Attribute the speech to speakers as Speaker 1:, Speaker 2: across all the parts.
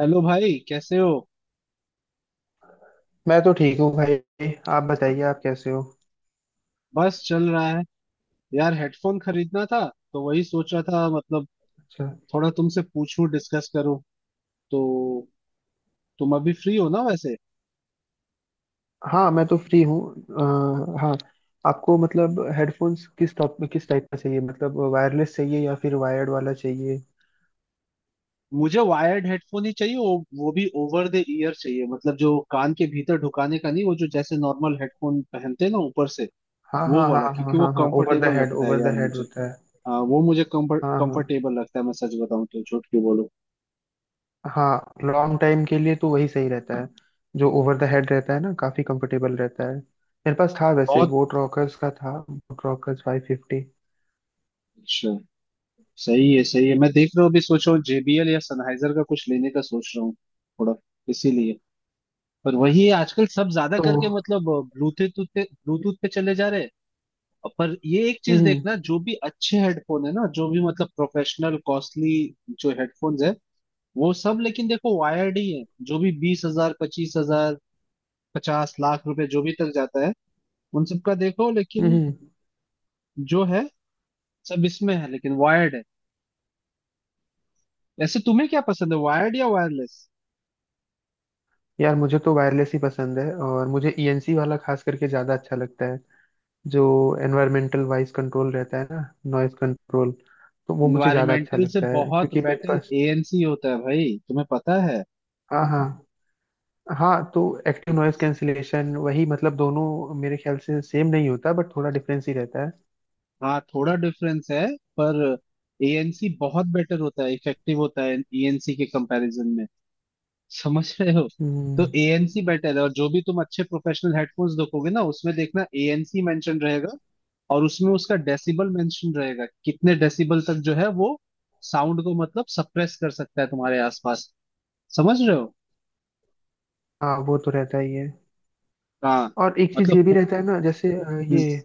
Speaker 1: Hello भाई, कैसे हो?
Speaker 2: मैं तो ठीक हूँ भाई। आप बताइए, आप कैसे हो?
Speaker 1: बस चल रहा है। यार, हेडफोन खरीदना था तो वही सोच रहा था, मतलब
Speaker 2: अच्छा।
Speaker 1: थोड़ा तुमसे पूछूं, डिस्कस करूं तो। तुम अभी फ्री हो ना वैसे?
Speaker 2: हाँ मैं तो फ्री हूँ। हाँ, आपको मतलब हेडफोन्स किस टाइप का चाहिए, मतलब वायरलेस चाहिए या फिर वायर्ड वाला चाहिए?
Speaker 1: मुझे वायर्ड हेडफोन ही चाहिए, वो भी ओवर द ईयर चाहिए, मतलब जो कान के भीतर ढुकाने का नहीं, वो जो जैसे नॉर्मल हेडफोन पहनते हैं ना ऊपर से
Speaker 2: हाँ
Speaker 1: वो
Speaker 2: हाँ
Speaker 1: वाला,
Speaker 2: हाँ हाँ
Speaker 1: क्योंकि वो
Speaker 2: हाँ हाँ, ओवर द
Speaker 1: कंफर्टेबल
Speaker 2: हेड,
Speaker 1: लगता है
Speaker 2: ओवर
Speaker 1: यार
Speaker 2: द हेड
Speaker 1: मुझे।
Speaker 2: होता है।
Speaker 1: हाँ, वो मुझे कंफर्ट
Speaker 2: हाँ हाँ
Speaker 1: कंफर्टेबल लगता है, मैं सच बताऊं तो झूठ क्यों बोलूं।
Speaker 2: हाँ, लॉन्ग टाइम के लिए तो वही सही रहता है, जो ओवर द हेड रहता है ना, काफी कंफर्टेबल रहता है। मेरे पास था वैसे,
Speaker 1: बहुत
Speaker 2: बोट रॉकर्स का था, बोट रॉकर्स 550।
Speaker 1: अच्छा। सही है, सही है। मैं देख रहा हूँ, अभी सोच रहा हूँ जेबीएल या सनहाइजर का कुछ लेने का सोच रहा हूँ थोड़ा, इसीलिए। पर वही है, आजकल सब ज्यादा
Speaker 2: तो
Speaker 1: करके मतलब ब्लूटूथ पे चले जा रहे हैं। पर ये एक चीज
Speaker 2: हम्म
Speaker 1: देखना, जो भी अच्छे हेडफोन है ना, जो भी मतलब प्रोफेशनल कॉस्टली जो हेडफोन्स है, वो सब लेकिन देखो वायर्ड ही है। जो भी 20 हजार, 25 हजार, 50 लाख रुपए जो भी तक जाता है, उन सबका देखो लेकिन,
Speaker 2: हम्म।
Speaker 1: जो है, सब इसमें है लेकिन वायर्ड है। ऐसे तुम्हें क्या पसंद है, वायर्ड या वायरलेस?
Speaker 2: यार मुझे तो वायरलेस ही पसंद है, और मुझे ईएनसी वाला खास करके ज़्यादा अच्छा लगता है। जो एनवायरमेंटल वॉइस कंट्रोल रहता है ना, नॉइस कंट्रोल, तो वो मुझे ज़्यादा अच्छा
Speaker 1: इन्वायरमेंटल से
Speaker 2: लगता है
Speaker 1: बहुत
Speaker 2: क्योंकि मेरे
Speaker 1: बेटर
Speaker 2: पास।
Speaker 1: एएनसी होता है भाई, तुम्हें पता है।
Speaker 2: हाँ हाँ। हाँ तो एक्टिव नॉइस कैंसिलेशन, वही मतलब दोनों मेरे ख्याल से सेम नहीं होता, बट थोड़ा डिफरेंस ही रहता है।
Speaker 1: हाँ, थोड़ा डिफरेंस है, पर एएनसी बहुत बेटर होता है, इफेक्टिव होता है एएनसी के कंपैरिजन में। समझ रहे हो? तो
Speaker 2: हम्म।
Speaker 1: एएनसी बेटर है, और जो भी तुम अच्छे प्रोफेशनल हेडफोन्स देखोगे ना उसमें देखना एएनसी मेंशन रहेगा। और उसमें उसका डेसिबल मेंशन रहेगा, कितने डेसिबल तक जो है वो साउंड को मतलब सप्रेस कर सकता है तुम्हारे आसपास। समझ रहे हो?
Speaker 2: हाँ वो तो रहता ही है,
Speaker 1: हाँ।
Speaker 2: और एक चीज़ ये भी
Speaker 1: मतलब
Speaker 2: रहता है ना, जैसे ये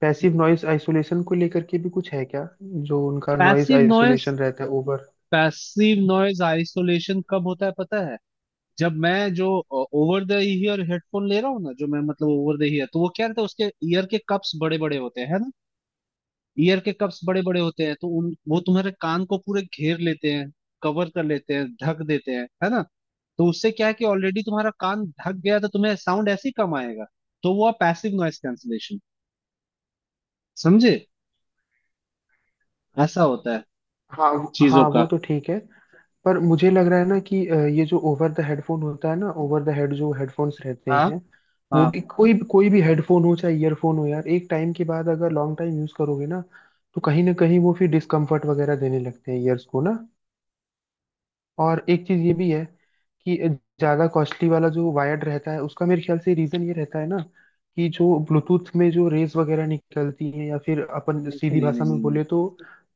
Speaker 2: पैसिव नॉइस आइसोलेशन को लेकर के भी कुछ है क्या? जो उनका नॉइस
Speaker 1: पैसिव नॉइज,
Speaker 2: आइसोलेशन रहता है ओवर।
Speaker 1: पैसिव नॉइज आइसोलेशन कब होता है पता है? जब मैं जो ओवर द ईयर हेडफोन ले रहा हूँ ना, जो मैं मतलब ओवर द ईयर, तो वो क्या रहता है, उसके ईयर के कप्स बड़े बड़े होते हैं, है ना? ईयर के कप्स बड़े बड़े होते हैं तो उन वो तुम्हारे कान को पूरे घेर लेते हैं, कवर कर लेते हैं, ढक देते हैं, है ना? तो उससे क्या है कि ऑलरेडी तुम्हारा कान ढक गया तो तुम्हें साउंड ऐसे ही कम आएगा। तो वो पैसिव नॉइज कैंसलेशन, समझे, ऐसा होता है
Speaker 2: हाँ
Speaker 1: चीजों
Speaker 2: हाँ, वो
Speaker 1: का।
Speaker 2: तो ठीक है, पर मुझे लग रहा है ना कि ये जो ओवर द हेडफोन होता है ना, ओवर द हेड जो हेडफोन्स रहते
Speaker 1: हाँ
Speaker 2: हैं, वो
Speaker 1: हाँ।
Speaker 2: भी कोई कोई भी हेडफोन हो चाहे ईयरफोन हो, यार एक टाइम के बाद अगर लॉन्ग टाइम यूज करोगे ना, तो कहीं ना कहीं वो फिर डिस्कम्फर्ट वगैरह देने लगते हैं ईयर्स को ना। और एक चीज ये भी है, कि ज्यादा कॉस्टली वाला जो वायर्ड रहता है, उसका मेरे ख्याल से रीजन ये रहता है ना, कि जो ब्लूटूथ में जो रेज वगैरह निकलती है, या फिर अपन
Speaker 1: नहीं
Speaker 2: सीधी
Speaker 1: नहीं
Speaker 2: भाषा
Speaker 1: नहीं
Speaker 2: में
Speaker 1: नहीं नहीं,
Speaker 2: बोले तो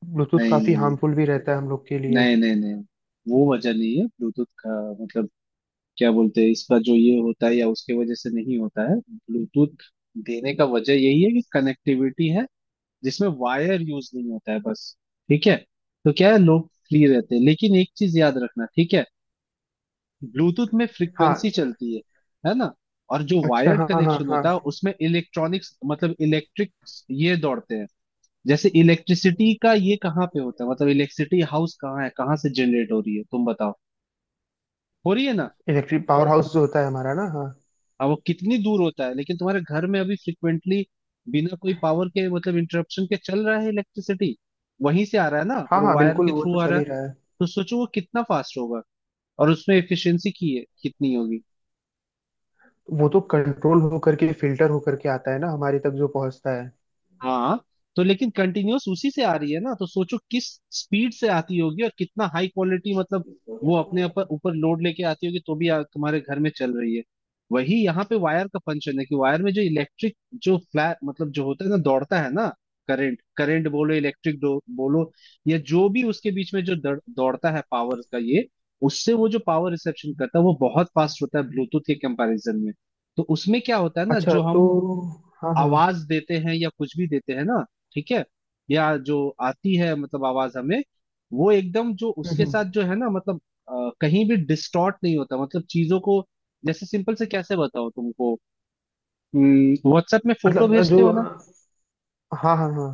Speaker 2: ब्लूटूथ
Speaker 1: नहीं
Speaker 2: काफी
Speaker 1: नहीं
Speaker 2: हार्मफुल भी रहता है हम लोग के लिए।
Speaker 1: नहीं नहीं नहीं, वो वजह नहीं है ब्लूटूथ का। मतलब क्या बोलते हैं इसका, जो ये होता है या उसके वजह से नहीं होता है। ब्लूटूथ देने का वजह यही है कि कनेक्टिविटी है जिसमें वायर यूज नहीं होता है, बस। ठीक है? तो क्या है लोग फ्री रहते हैं, लेकिन एक चीज याद रखना ठीक है। ब्लूटूथ में फ्रिक्वेंसी
Speaker 2: हाँ,
Speaker 1: चलती है ना? और जो
Speaker 2: अच्छा
Speaker 1: वायर्ड
Speaker 2: हाँ हाँ
Speaker 1: कनेक्शन
Speaker 2: हाँ
Speaker 1: होता है
Speaker 2: हाँ।
Speaker 1: उसमें इलेक्ट्रॉनिक्स मतलब इलेक्ट्रिक ये दौड़ते हैं। जैसे इलेक्ट्रिसिटी का ये कहाँ पे होता है, मतलब इलेक्ट्रिसिटी हाउस कहाँ है, कहाँ से जनरेट हो रही है, तुम बताओ, हो रही है ना?
Speaker 2: इलेक्ट्रिक पावर हाउस जो होता है हमारा ना, हाँ।
Speaker 1: अब वो कितनी दूर होता है लेकिन तुम्हारे घर में अभी फ्रिक्वेंटली बिना कोई पावर के मतलब इंटरप्शन के चल रहा है इलेक्ट्रिसिटी, वहीं से आ रहा है ना,
Speaker 2: हाँ
Speaker 1: और
Speaker 2: हाँ
Speaker 1: वायर
Speaker 2: बिल्कुल,
Speaker 1: के
Speaker 2: वो
Speaker 1: थ्रू
Speaker 2: तो
Speaker 1: आ
Speaker 2: चल
Speaker 1: रहा
Speaker 2: ही
Speaker 1: है।
Speaker 2: रहा है।
Speaker 1: तो सोचो वो कितना फास्ट होगा, और उसमें एफिशिएंसी की है कितनी होगी।
Speaker 2: वो तो कंट्रोल हो करके, फिल्टर हो करके आता है ना, हमारे तक जो पहुंचता है।
Speaker 1: हाँ। तो लेकिन कंटिन्यूअस उसी से आ रही है ना, तो सोचो किस स्पीड से आती होगी, और कितना हाई क्वालिटी, मतलब वो अपने ऊपर ऊपर लोड लेके आती होगी तो भी तुम्हारे घर में चल रही है। वही यहाँ पे वायर का फंक्शन है कि वायर में जो इलेक्ट्रिक, जो फ्लैट मतलब जो होता है ना दौड़ता है ना, करंट करंट बोलो, इलेक्ट्रिक बोलो, या जो भी उसके बीच में जो दौड़ता है पावर का, ये उससे वो जो पावर रिसेप्शन करता है वो बहुत फास्ट होता है ब्लूटूथ के कंपैरिजन में। तो उसमें क्या होता है ना,
Speaker 2: अच्छा
Speaker 1: जो
Speaker 2: तो,
Speaker 1: हम
Speaker 2: हाँ हाँ।
Speaker 1: आवाज देते हैं या कुछ भी देते हैं ना, ठीक है, या जो आती है मतलब आवाज हमें, वो एकदम जो
Speaker 2: हम्म
Speaker 1: उसके
Speaker 2: हम्म।
Speaker 1: साथ जो है ना, मतलब कहीं भी डिस्टॉर्ट नहीं होता मतलब चीजों को। जैसे सिंपल से कैसे बताओ तुमको, व्हाट्सएप में फोटो
Speaker 2: मतलब
Speaker 1: भेजते
Speaker 2: जो,
Speaker 1: हो ना,
Speaker 2: हाँ हाँ हाँ,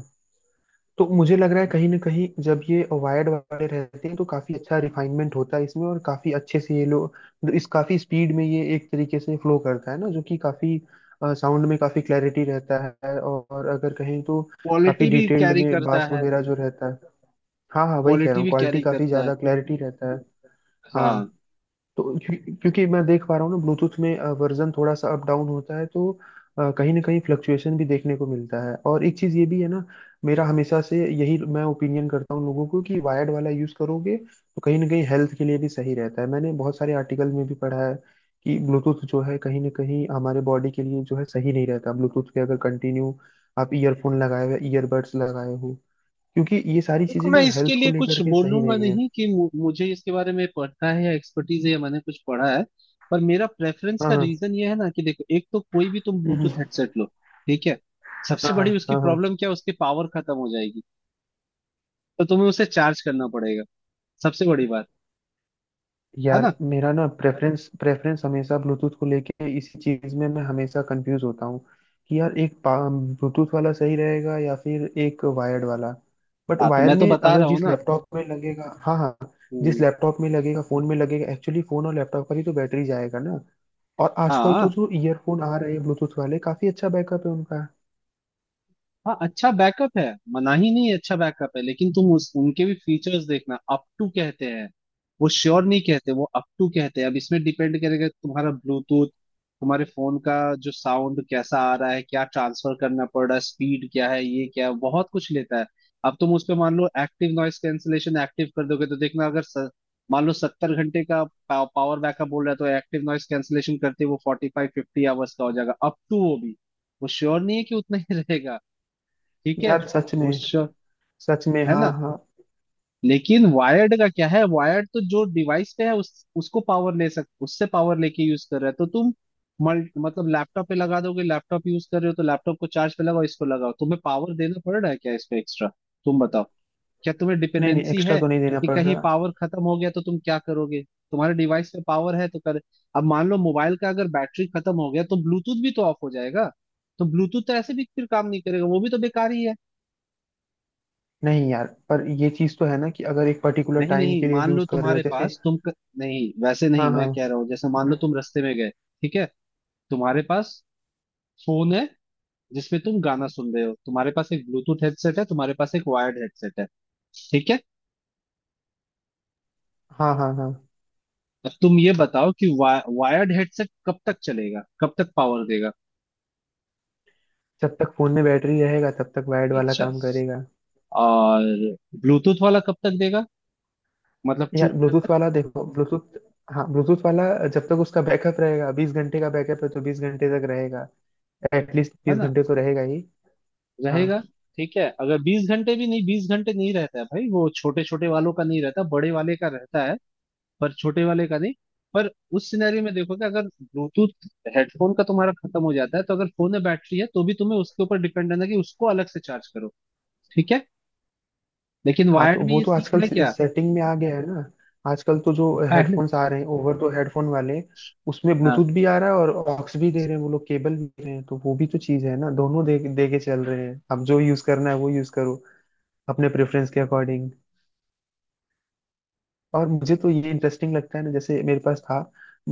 Speaker 2: तो मुझे लग रहा है कहीं ना कहीं जब ये वायर्ड वाले रहते हैं तो काफी अच्छा रिफाइनमेंट होता है इसमें, और काफी अच्छे से ये लोग, मतलब इस काफी स्पीड में ये एक तरीके से फ्लो करता है ना, जो कि काफी साउंड में काफी क्लैरिटी रहता है, और अगर कहें तो काफी
Speaker 1: क्वालिटी भी
Speaker 2: डिटेल्ड
Speaker 1: कैरी
Speaker 2: में
Speaker 1: करता
Speaker 2: बास
Speaker 1: है,
Speaker 2: वगैरह जो रहता है। हाँ हाँ, वही कह रहा
Speaker 1: क्वालिटी
Speaker 2: हूँ,
Speaker 1: भी
Speaker 2: क्वालिटी
Speaker 1: कैरी
Speaker 2: काफी
Speaker 1: करता है।
Speaker 2: ज्यादा क्लैरिटी रहता है। हाँ
Speaker 1: हाँ।
Speaker 2: तो क्योंकि मैं देख पा रहा हूँ ना, ब्लूटूथ में वर्जन थोड़ा सा अप डाउन होता है, तो कहीं ना कहीं फ्लक्चुएशन भी देखने को मिलता है। और एक चीज़ ये भी है ना, मेरा हमेशा से यही मैं ओपिनियन करता हूँ लोगों को, कि वायर्ड वाला यूज़ करोगे तो कहीं ना कहीं हेल्थ के लिए भी सही रहता है, मैंने बहुत सारे आर्टिकल में भी पढ़ा है कि ब्लूटूथ जो है कहीं ना कहीं हमारे बॉडी के लिए जो है सही नहीं रहता। ब्लूटूथ पे अगर कंटिन्यू आप ईयरफोन लगाए हुए, ईयरबड्स लगाए हो, क्योंकि ये सारी
Speaker 1: देखो,
Speaker 2: चीज़ें
Speaker 1: मैं
Speaker 2: ना
Speaker 1: इसके
Speaker 2: हेल्थ को
Speaker 1: लिए कुछ
Speaker 2: लेकर के सही
Speaker 1: बोलूंगा
Speaker 2: नहीं है।
Speaker 1: नहीं कि मुझे इसके बारे में पढ़ना है या एक्सपर्टीज है या मैंने कुछ पढ़ा है। पर मेरा प्रेफरेंस
Speaker 2: हाँ
Speaker 1: का
Speaker 2: हाँ,
Speaker 1: रीजन ये है ना कि देखो, एक तो कोई भी तुम
Speaker 2: हम्म,
Speaker 1: ब्लूटूथ हेडसेट लो, ठीक है, सबसे
Speaker 2: हाँ हाँ
Speaker 1: बड़ी उसकी
Speaker 2: हाँ हाँ,
Speaker 1: प्रॉब्लम क्या है? उसकी पावर खत्म हो जाएगी, तो तुम्हें उसे चार्ज करना पड़ेगा, सबसे बड़ी बात, है
Speaker 2: यार
Speaker 1: ना?
Speaker 2: मेरा ना प्रेफरेंस प्रेफरेंस हमेशा ब्लूटूथ को लेके, इसी चीज में मैं हमेशा कंफ्यूज होता हूँ, कि यार एक ब्लूटूथ वाला सही रहेगा या फिर एक वायर्ड वाला, बट
Speaker 1: हाँ तो
Speaker 2: वायर
Speaker 1: मैं तो
Speaker 2: में
Speaker 1: बता
Speaker 2: अगर
Speaker 1: रहा हूँ
Speaker 2: जिस
Speaker 1: ना।
Speaker 2: लैपटॉप में लगेगा। हाँ हाँ, जिस
Speaker 1: हम्म।
Speaker 2: लैपटॉप में लगेगा, फोन में लगेगा, एक्चुअली फोन और लैपटॉप का ही तो बैटरी जाएगा ना। और आजकल तो
Speaker 1: हाँ
Speaker 2: जो ईयरफोन आ रहे हैं ब्लूटूथ वाले, काफी अच्छा बैकअप है उनका।
Speaker 1: हाँ, अच्छा बैकअप है, मना ही नहीं है, अच्छा बैकअप है, लेकिन तुम उस उनके भी फीचर्स देखना अप टू कहते हैं, वो श्योर नहीं कहते, वो अप टू कहते हैं। अब इसमें डिपेंड करेगा तुम्हारा ब्लूटूथ, तुम्हारे फोन का, जो साउंड कैसा आ रहा है, क्या ट्रांसफर करना पड़ रहा है, स्पीड क्या है, ये क्या है, बहुत कुछ लेता है। अब तुम उस पे मान लो एक्टिव नॉइस कैंसिलेशन एक्टिव कर दोगे तो देखना, अगर मान लो 70 घंटे का पावर बैकअप बोल रहा है, तो एक्टिव नॉइस कैंसिलेशन करते ही वो 45-50 आवर्स का हो जाएगा, अप टू वो भी। वो श्योर नहीं है कि उतना ही रहेगा। ठीक है?
Speaker 2: यार सच
Speaker 1: वो
Speaker 2: में,
Speaker 1: श्योर,
Speaker 2: सच में,
Speaker 1: है
Speaker 2: हाँ
Speaker 1: ना?
Speaker 2: हाँ।
Speaker 1: लेकिन वायर्ड का क्या है, वायर्ड तो जो डिवाइस पे है उस उसको पावर ले सक उससे पावर लेके यूज कर रहा है, तो तुम मतलब लैपटॉप पे लगा दोगे, लैपटॉप यूज कर रहे हो तो लैपटॉप को चार्ज पे लगाओ, इसको लगाओ, तुम्हें पावर देना पड़ रहा है क्या इसको एक्स्ट्रा? तुम बताओ, क्या तुम्हें
Speaker 2: नहीं नहीं,
Speaker 1: डिपेंडेंसी
Speaker 2: एक्स्ट्रा
Speaker 1: है
Speaker 2: तो नहीं देना
Speaker 1: कि
Speaker 2: पड़
Speaker 1: कहीं
Speaker 2: रहा।
Speaker 1: पावर खत्म हो गया तो तुम क्या करोगे? तुम्हारे डिवाइस पे पावर है तो कर। अब मान लो मोबाइल का अगर बैटरी खत्म हो गया तो ब्लूटूथ भी तो ऑफ हो जाएगा, तो ब्लूटूथ तो ऐसे भी फिर काम नहीं करेगा, वो भी तो बेकार ही है।
Speaker 2: नहीं यार पर ये चीज तो है ना, कि अगर एक पर्टिकुलर
Speaker 1: नहीं
Speaker 2: टाइम
Speaker 1: नहीं
Speaker 2: के लिए
Speaker 1: मान लो
Speaker 2: यूज कर रहे हो
Speaker 1: तुम्हारे
Speaker 2: जैसे।
Speaker 1: पास नहीं वैसे
Speaker 2: हाँ
Speaker 1: नहीं, मैं कह
Speaker 2: हाँ
Speaker 1: रहा हूँ जैसे मान लो तुम रास्ते में गए, ठीक है, तुम्हारे पास फोन है जिसमें तुम गाना सुन रहे हो, तुम्हारे पास एक ब्लूटूथ हेडसेट है, तुम्हारे पास एक वायर्ड हेडसेट है, ठीक है।
Speaker 2: हाँ हाँ हाँ।
Speaker 1: अब तुम ये बताओ कि वायर्ड हेडसेट कब तक चलेगा, कब तक पावर देगा?
Speaker 2: जब तक फोन में बैटरी रहेगा तब तक वायर्ड वाला
Speaker 1: अच्छा,
Speaker 2: काम करेगा।
Speaker 1: और ब्लूटूथ वाला कब तक देगा, मतलब ट्रू?
Speaker 2: यार ब्लूटूथ वाला, देखो ब्लूटूथ, हाँ ब्लूटूथ वाला जब तक उसका बैकअप रहेगा, 20 घंटे का बैकअप है तो 20 घंटे तक रहेगा, एटलीस्ट
Speaker 1: है
Speaker 2: बीस
Speaker 1: ना?
Speaker 2: घंटे तो रहेगा ही। हाँ
Speaker 1: रहेगा। ठीक है, अगर 20 घंटे भी नहीं, 20 घंटे नहीं रहता है भाई वो, छोटे छोटे वालों का नहीं रहता, बड़े वाले का रहता है, पर छोटे वाले का नहीं। पर उस सिनेरियो में देखो कि अगर ब्लूटूथ हेडफोन का तुम्हारा खत्म हो जाता है, तो अगर फोन में बैटरी है तो भी तुम्हें उसके ऊपर डिपेंड रहना है कि उसको अलग से चार्ज करो। ठीक है, लेकिन
Speaker 2: हाँ,
Speaker 1: वायर्ड
Speaker 2: तो
Speaker 1: में
Speaker 2: वो
Speaker 1: ये
Speaker 2: तो
Speaker 1: सीन है
Speaker 2: आजकल
Speaker 1: क्या?
Speaker 2: सेटिंग में आ गया है ना, आजकल तो जो
Speaker 1: वायर्ड।
Speaker 2: हेडफोन्स आ रहे हैं ओवर, तो हेडफोन वाले उसमें
Speaker 1: हाँ।
Speaker 2: ब्लूटूथ भी आ रहा है, और ऑक्स भी दे रहे हैं वो लोग, केबल भी दे रहे हैं, तो वो भी तो चीज़ है ना, दोनों दे दे के चल रहे हैं, अब जो यूज़ करना है वो यूज़ करो अपने प्रेफरेंस के अकॉर्डिंग। और मुझे तो ये इंटरेस्टिंग लगता है ना, जैसे मेरे पास था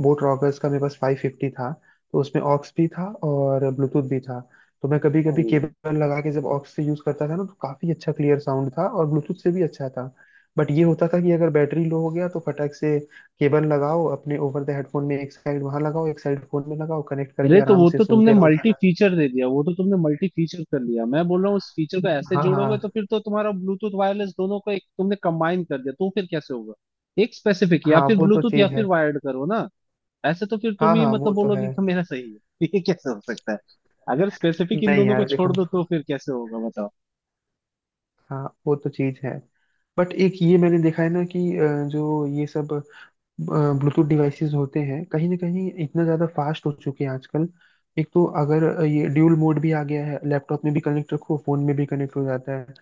Speaker 2: बोट रॉकर्स का, मेरे पास 550 था, तो उसमें ऑक्स भी था और ब्लूटूथ भी था, तो मैं कभी कभी केबल लगा के जब ऑक्स से यूज करता था ना, तो काफी अच्छा क्लियर साउंड था, और ब्लूटूथ से भी अच्छा था। बट ये होता था कि अगर बैटरी लो हो गया तो फटाक से केबल लगाओ अपने ओवर द हेडफोन में, एक साइड वहां लगाओ, एक साइड फोन में लगाओ, कनेक्ट करके
Speaker 1: अरे तो
Speaker 2: आराम
Speaker 1: वो
Speaker 2: से
Speaker 1: तो तुमने
Speaker 2: सुनते रहो
Speaker 1: मल्टी
Speaker 2: गाना।
Speaker 1: फीचर दे दिया, वो तो तुमने मल्टी फीचर कर लिया, मैं बोल रहा हूँ उस फीचर को ऐसे
Speaker 2: हाँ हाँ
Speaker 1: जोड़ोगे तो फिर तो तुम्हारा ब्लूटूथ वायरलेस दोनों को एक तुमने कंबाइन कर दिया, तो फिर कैसे होगा? एक स्पेसिफिक, या
Speaker 2: हाँ,
Speaker 1: फिर
Speaker 2: वो तो
Speaker 1: ब्लूटूथ या
Speaker 2: चीज
Speaker 1: फिर
Speaker 2: है,
Speaker 1: वायर्ड करो ना। ऐसे तो फिर तुम
Speaker 2: हाँ
Speaker 1: ही
Speaker 2: हाँ वो
Speaker 1: मतलब
Speaker 2: तो है।
Speaker 1: बोलोगे कि मेरा सही है ये कैसे हो सकता है? अगर स्पेसिफिक इन
Speaker 2: नहीं
Speaker 1: दोनों को
Speaker 2: यार
Speaker 1: छोड़
Speaker 2: देखो,
Speaker 1: दो तो फिर कैसे होगा बताओ।
Speaker 2: हाँ वो तो चीज है, बट एक ये मैंने देखा है ना कि जो ये सब ब्लूटूथ डिवाइसेस होते हैं कहीं ना कहीं इतना ज्यादा फास्ट हो चुके हैं आजकल, एक तो अगर ये ड्यूल मोड भी आ गया है, लैपटॉप में भी कनेक्ट रखो, फोन में भी कनेक्ट हो जाता है,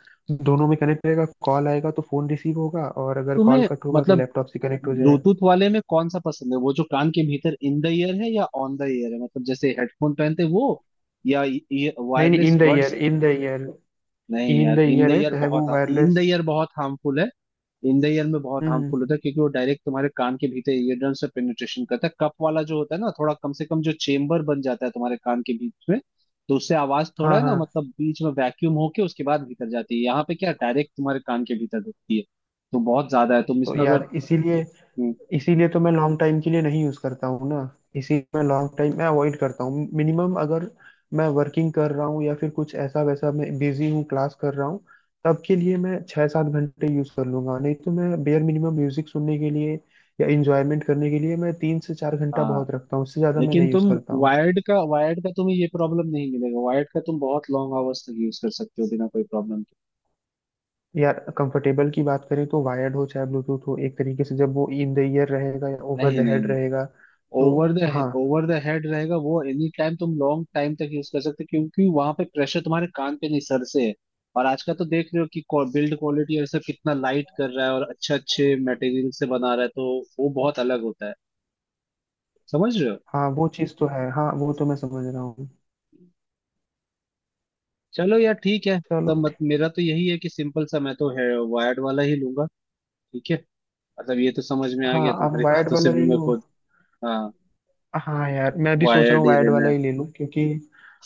Speaker 2: दोनों में कनेक्ट रहेगा, कॉल आएगा तो फोन रिसीव होगा, और अगर कॉल
Speaker 1: तुम्हें
Speaker 2: कट होगा तो
Speaker 1: मतलब
Speaker 2: लैपटॉप से कनेक्ट हो जाएगा।
Speaker 1: ब्लूटूथ वाले में कौन सा पसंद है, वो जो कान के भीतर इन द ईयर है, या ऑन द ईयर है मतलब जैसे हेडफोन पहनते हैं वो, या
Speaker 2: नहीं नहीं,
Speaker 1: wireless
Speaker 2: in the
Speaker 1: buds?
Speaker 2: Ear, in the ear,
Speaker 1: नहीं
Speaker 2: इन द
Speaker 1: यार, इन द
Speaker 2: ईयर है
Speaker 1: ईयर
Speaker 2: चाहे
Speaker 1: बहुत,
Speaker 2: वो
Speaker 1: इन द
Speaker 2: वायरलेस।
Speaker 1: ईयर बहुत हार्मफुल है, इन द ईयर में बहुत
Speaker 2: हम्म।
Speaker 1: हार्मफुल होता है क्योंकि वो डायरेक्ट तुम्हारे कान के भीतर ईयर ड्रम से पेनिट्रेशन करता है। कप वाला जो होता है ना थोड़ा, कम से कम जो चेम्बर बन जाता है तुम्हारे कान के बीच में, तो उससे आवाज थोड़ा,
Speaker 2: हाँ
Speaker 1: है ना,
Speaker 2: हाँ,
Speaker 1: मतलब बीच में वैक्यूम होके उसके बाद भीतर जाती है, यहाँ पे क्या डायरेक्ट तुम्हारे कान के भीतर ढुकती है। तो बहुत ज्यादा है तुम
Speaker 2: तो
Speaker 1: इसमें अगर।
Speaker 2: यार इसीलिए,
Speaker 1: हम्म।
Speaker 2: इसीलिए तो मैं लॉन्ग टाइम के लिए नहीं यूज करता हूँ ना, इसी मैं लॉन्ग टाइम मैं अवॉइड करता हूँ, मिनिमम अगर मैं वर्किंग कर रहा हूँ या फिर कुछ ऐसा वैसा मैं बिजी हूँ, क्लास कर रहा हूँ, तब के लिए मैं 6 7 घंटे यूज कर लूंगा, नहीं तो मैं बेयर मिनिमम म्यूजिक सुनने के लिए या इंजॉयमेंट करने के लिए मैं 3 से 4 घंटा
Speaker 1: हाँ,
Speaker 2: बहुत रखता हूँ, उससे ज्यादा मैं
Speaker 1: लेकिन
Speaker 2: नहीं यूज
Speaker 1: तुम
Speaker 2: करता हूँ।
Speaker 1: वायर्ड का, वायर्ड का तुम्हें ये प्रॉब्लम नहीं मिलेगा, वायर्ड का तुम बहुत लॉन्ग आवर्स तक यूज कर सकते हो बिना कोई प्रॉब्लम के।
Speaker 2: यार कंफर्टेबल की बात करें तो वायर्ड हो चाहे ब्लूटूथ हो, एक तरीके से जब वो इन द ईयर रहेगा या ओवर
Speaker 1: नहीं
Speaker 2: द
Speaker 1: नहीं
Speaker 2: हेड
Speaker 1: नहीं।
Speaker 2: रहेगा तो।
Speaker 1: ओवर द
Speaker 2: हाँ
Speaker 1: ओवर द हेड रहेगा वो एनी टाइम, तुम लॉन्ग टाइम तक यूज कर सकते हो, क्योंकि वहां पे प्रेशर तुम्हारे कान पे नहीं, सर से है। और आज का तो देख रहे हो कि बिल्ड क्वालिटी और सब कितना लाइट कर रहा है, और अच्छे अच्छे मटेरियल से बना रहा है, तो वो बहुत अलग होता है। समझ रहे हो?
Speaker 2: हाँ वो चीज़ तो है, हाँ वो तो मैं समझ रहा हूँ।
Speaker 1: चलो यार ठीक है।
Speaker 2: चलो।
Speaker 1: तो मत, मेरा तो यही है कि सिंपल सा मैं तो है, वायर्ड वाला ही लूंगा। ठीक है, मतलब ये तो समझ में आ
Speaker 2: हाँ
Speaker 1: गया
Speaker 2: आप
Speaker 1: तुम्हारी
Speaker 2: वायर्ड
Speaker 1: बातों से
Speaker 2: वाला
Speaker 1: भी
Speaker 2: ले
Speaker 1: मैं
Speaker 2: लो।
Speaker 1: खुद। हाँ।
Speaker 2: हाँ यार मैं भी सोच रहा
Speaker 1: वायर्ड
Speaker 2: हूँ
Speaker 1: ही
Speaker 2: वायर्ड
Speaker 1: लेना
Speaker 2: वाला
Speaker 1: है।
Speaker 2: ही ले लूँ, क्योंकि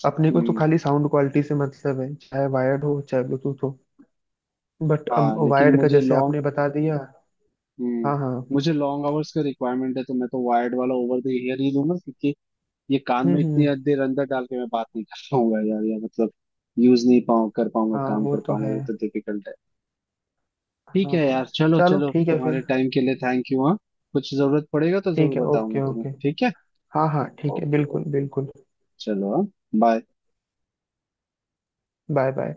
Speaker 2: अपने को तो
Speaker 1: हम्म।
Speaker 2: खाली साउंड क्वालिटी से मतलब है चाहे वायर्ड हो चाहे ब्लूटूथ हो, बट
Speaker 1: हाँ लेकिन
Speaker 2: वायर्ड का
Speaker 1: मुझे
Speaker 2: जैसे
Speaker 1: लॉन्ग,
Speaker 2: आपने बता दिया।
Speaker 1: हम्म,
Speaker 2: हाँ हाँ।
Speaker 1: मुझे लॉन्ग आवर्स का रिक्वायरमेंट है, तो मैं तो वायर्ड वाला ओवर द ईयर ही लूंगा, क्योंकि ये कान में इतनी
Speaker 2: हम्म।
Speaker 1: देर अंदर डाल के मैं बात नहीं कर पाऊंगा यार, या मतलब यूज नहीं पाऊँ कर पाऊंगा,
Speaker 2: हाँ
Speaker 1: काम
Speaker 2: वो
Speaker 1: कर
Speaker 2: तो
Speaker 1: पाऊंगा,
Speaker 2: है।
Speaker 1: ये तो डिफिकल्ट है। ठीक है
Speaker 2: हाँ
Speaker 1: यार, चलो
Speaker 2: चलो
Speaker 1: चलो,
Speaker 2: ठीक है फिर।
Speaker 1: तुम्हारे टाइम के लिए थैंक यू। हाँ, कुछ जरूरत पड़ेगा तो जरूर
Speaker 2: ठीक है
Speaker 1: बताऊंगा
Speaker 2: ओके
Speaker 1: तुम्हें,
Speaker 2: ओके।
Speaker 1: ठीक है।
Speaker 2: हाँ हाँ ठीक है
Speaker 1: ओके
Speaker 2: बिल्कुल
Speaker 1: ओके,
Speaker 2: बिल्कुल।
Speaker 1: चलो, हाँ, बाय।
Speaker 2: Bye bye.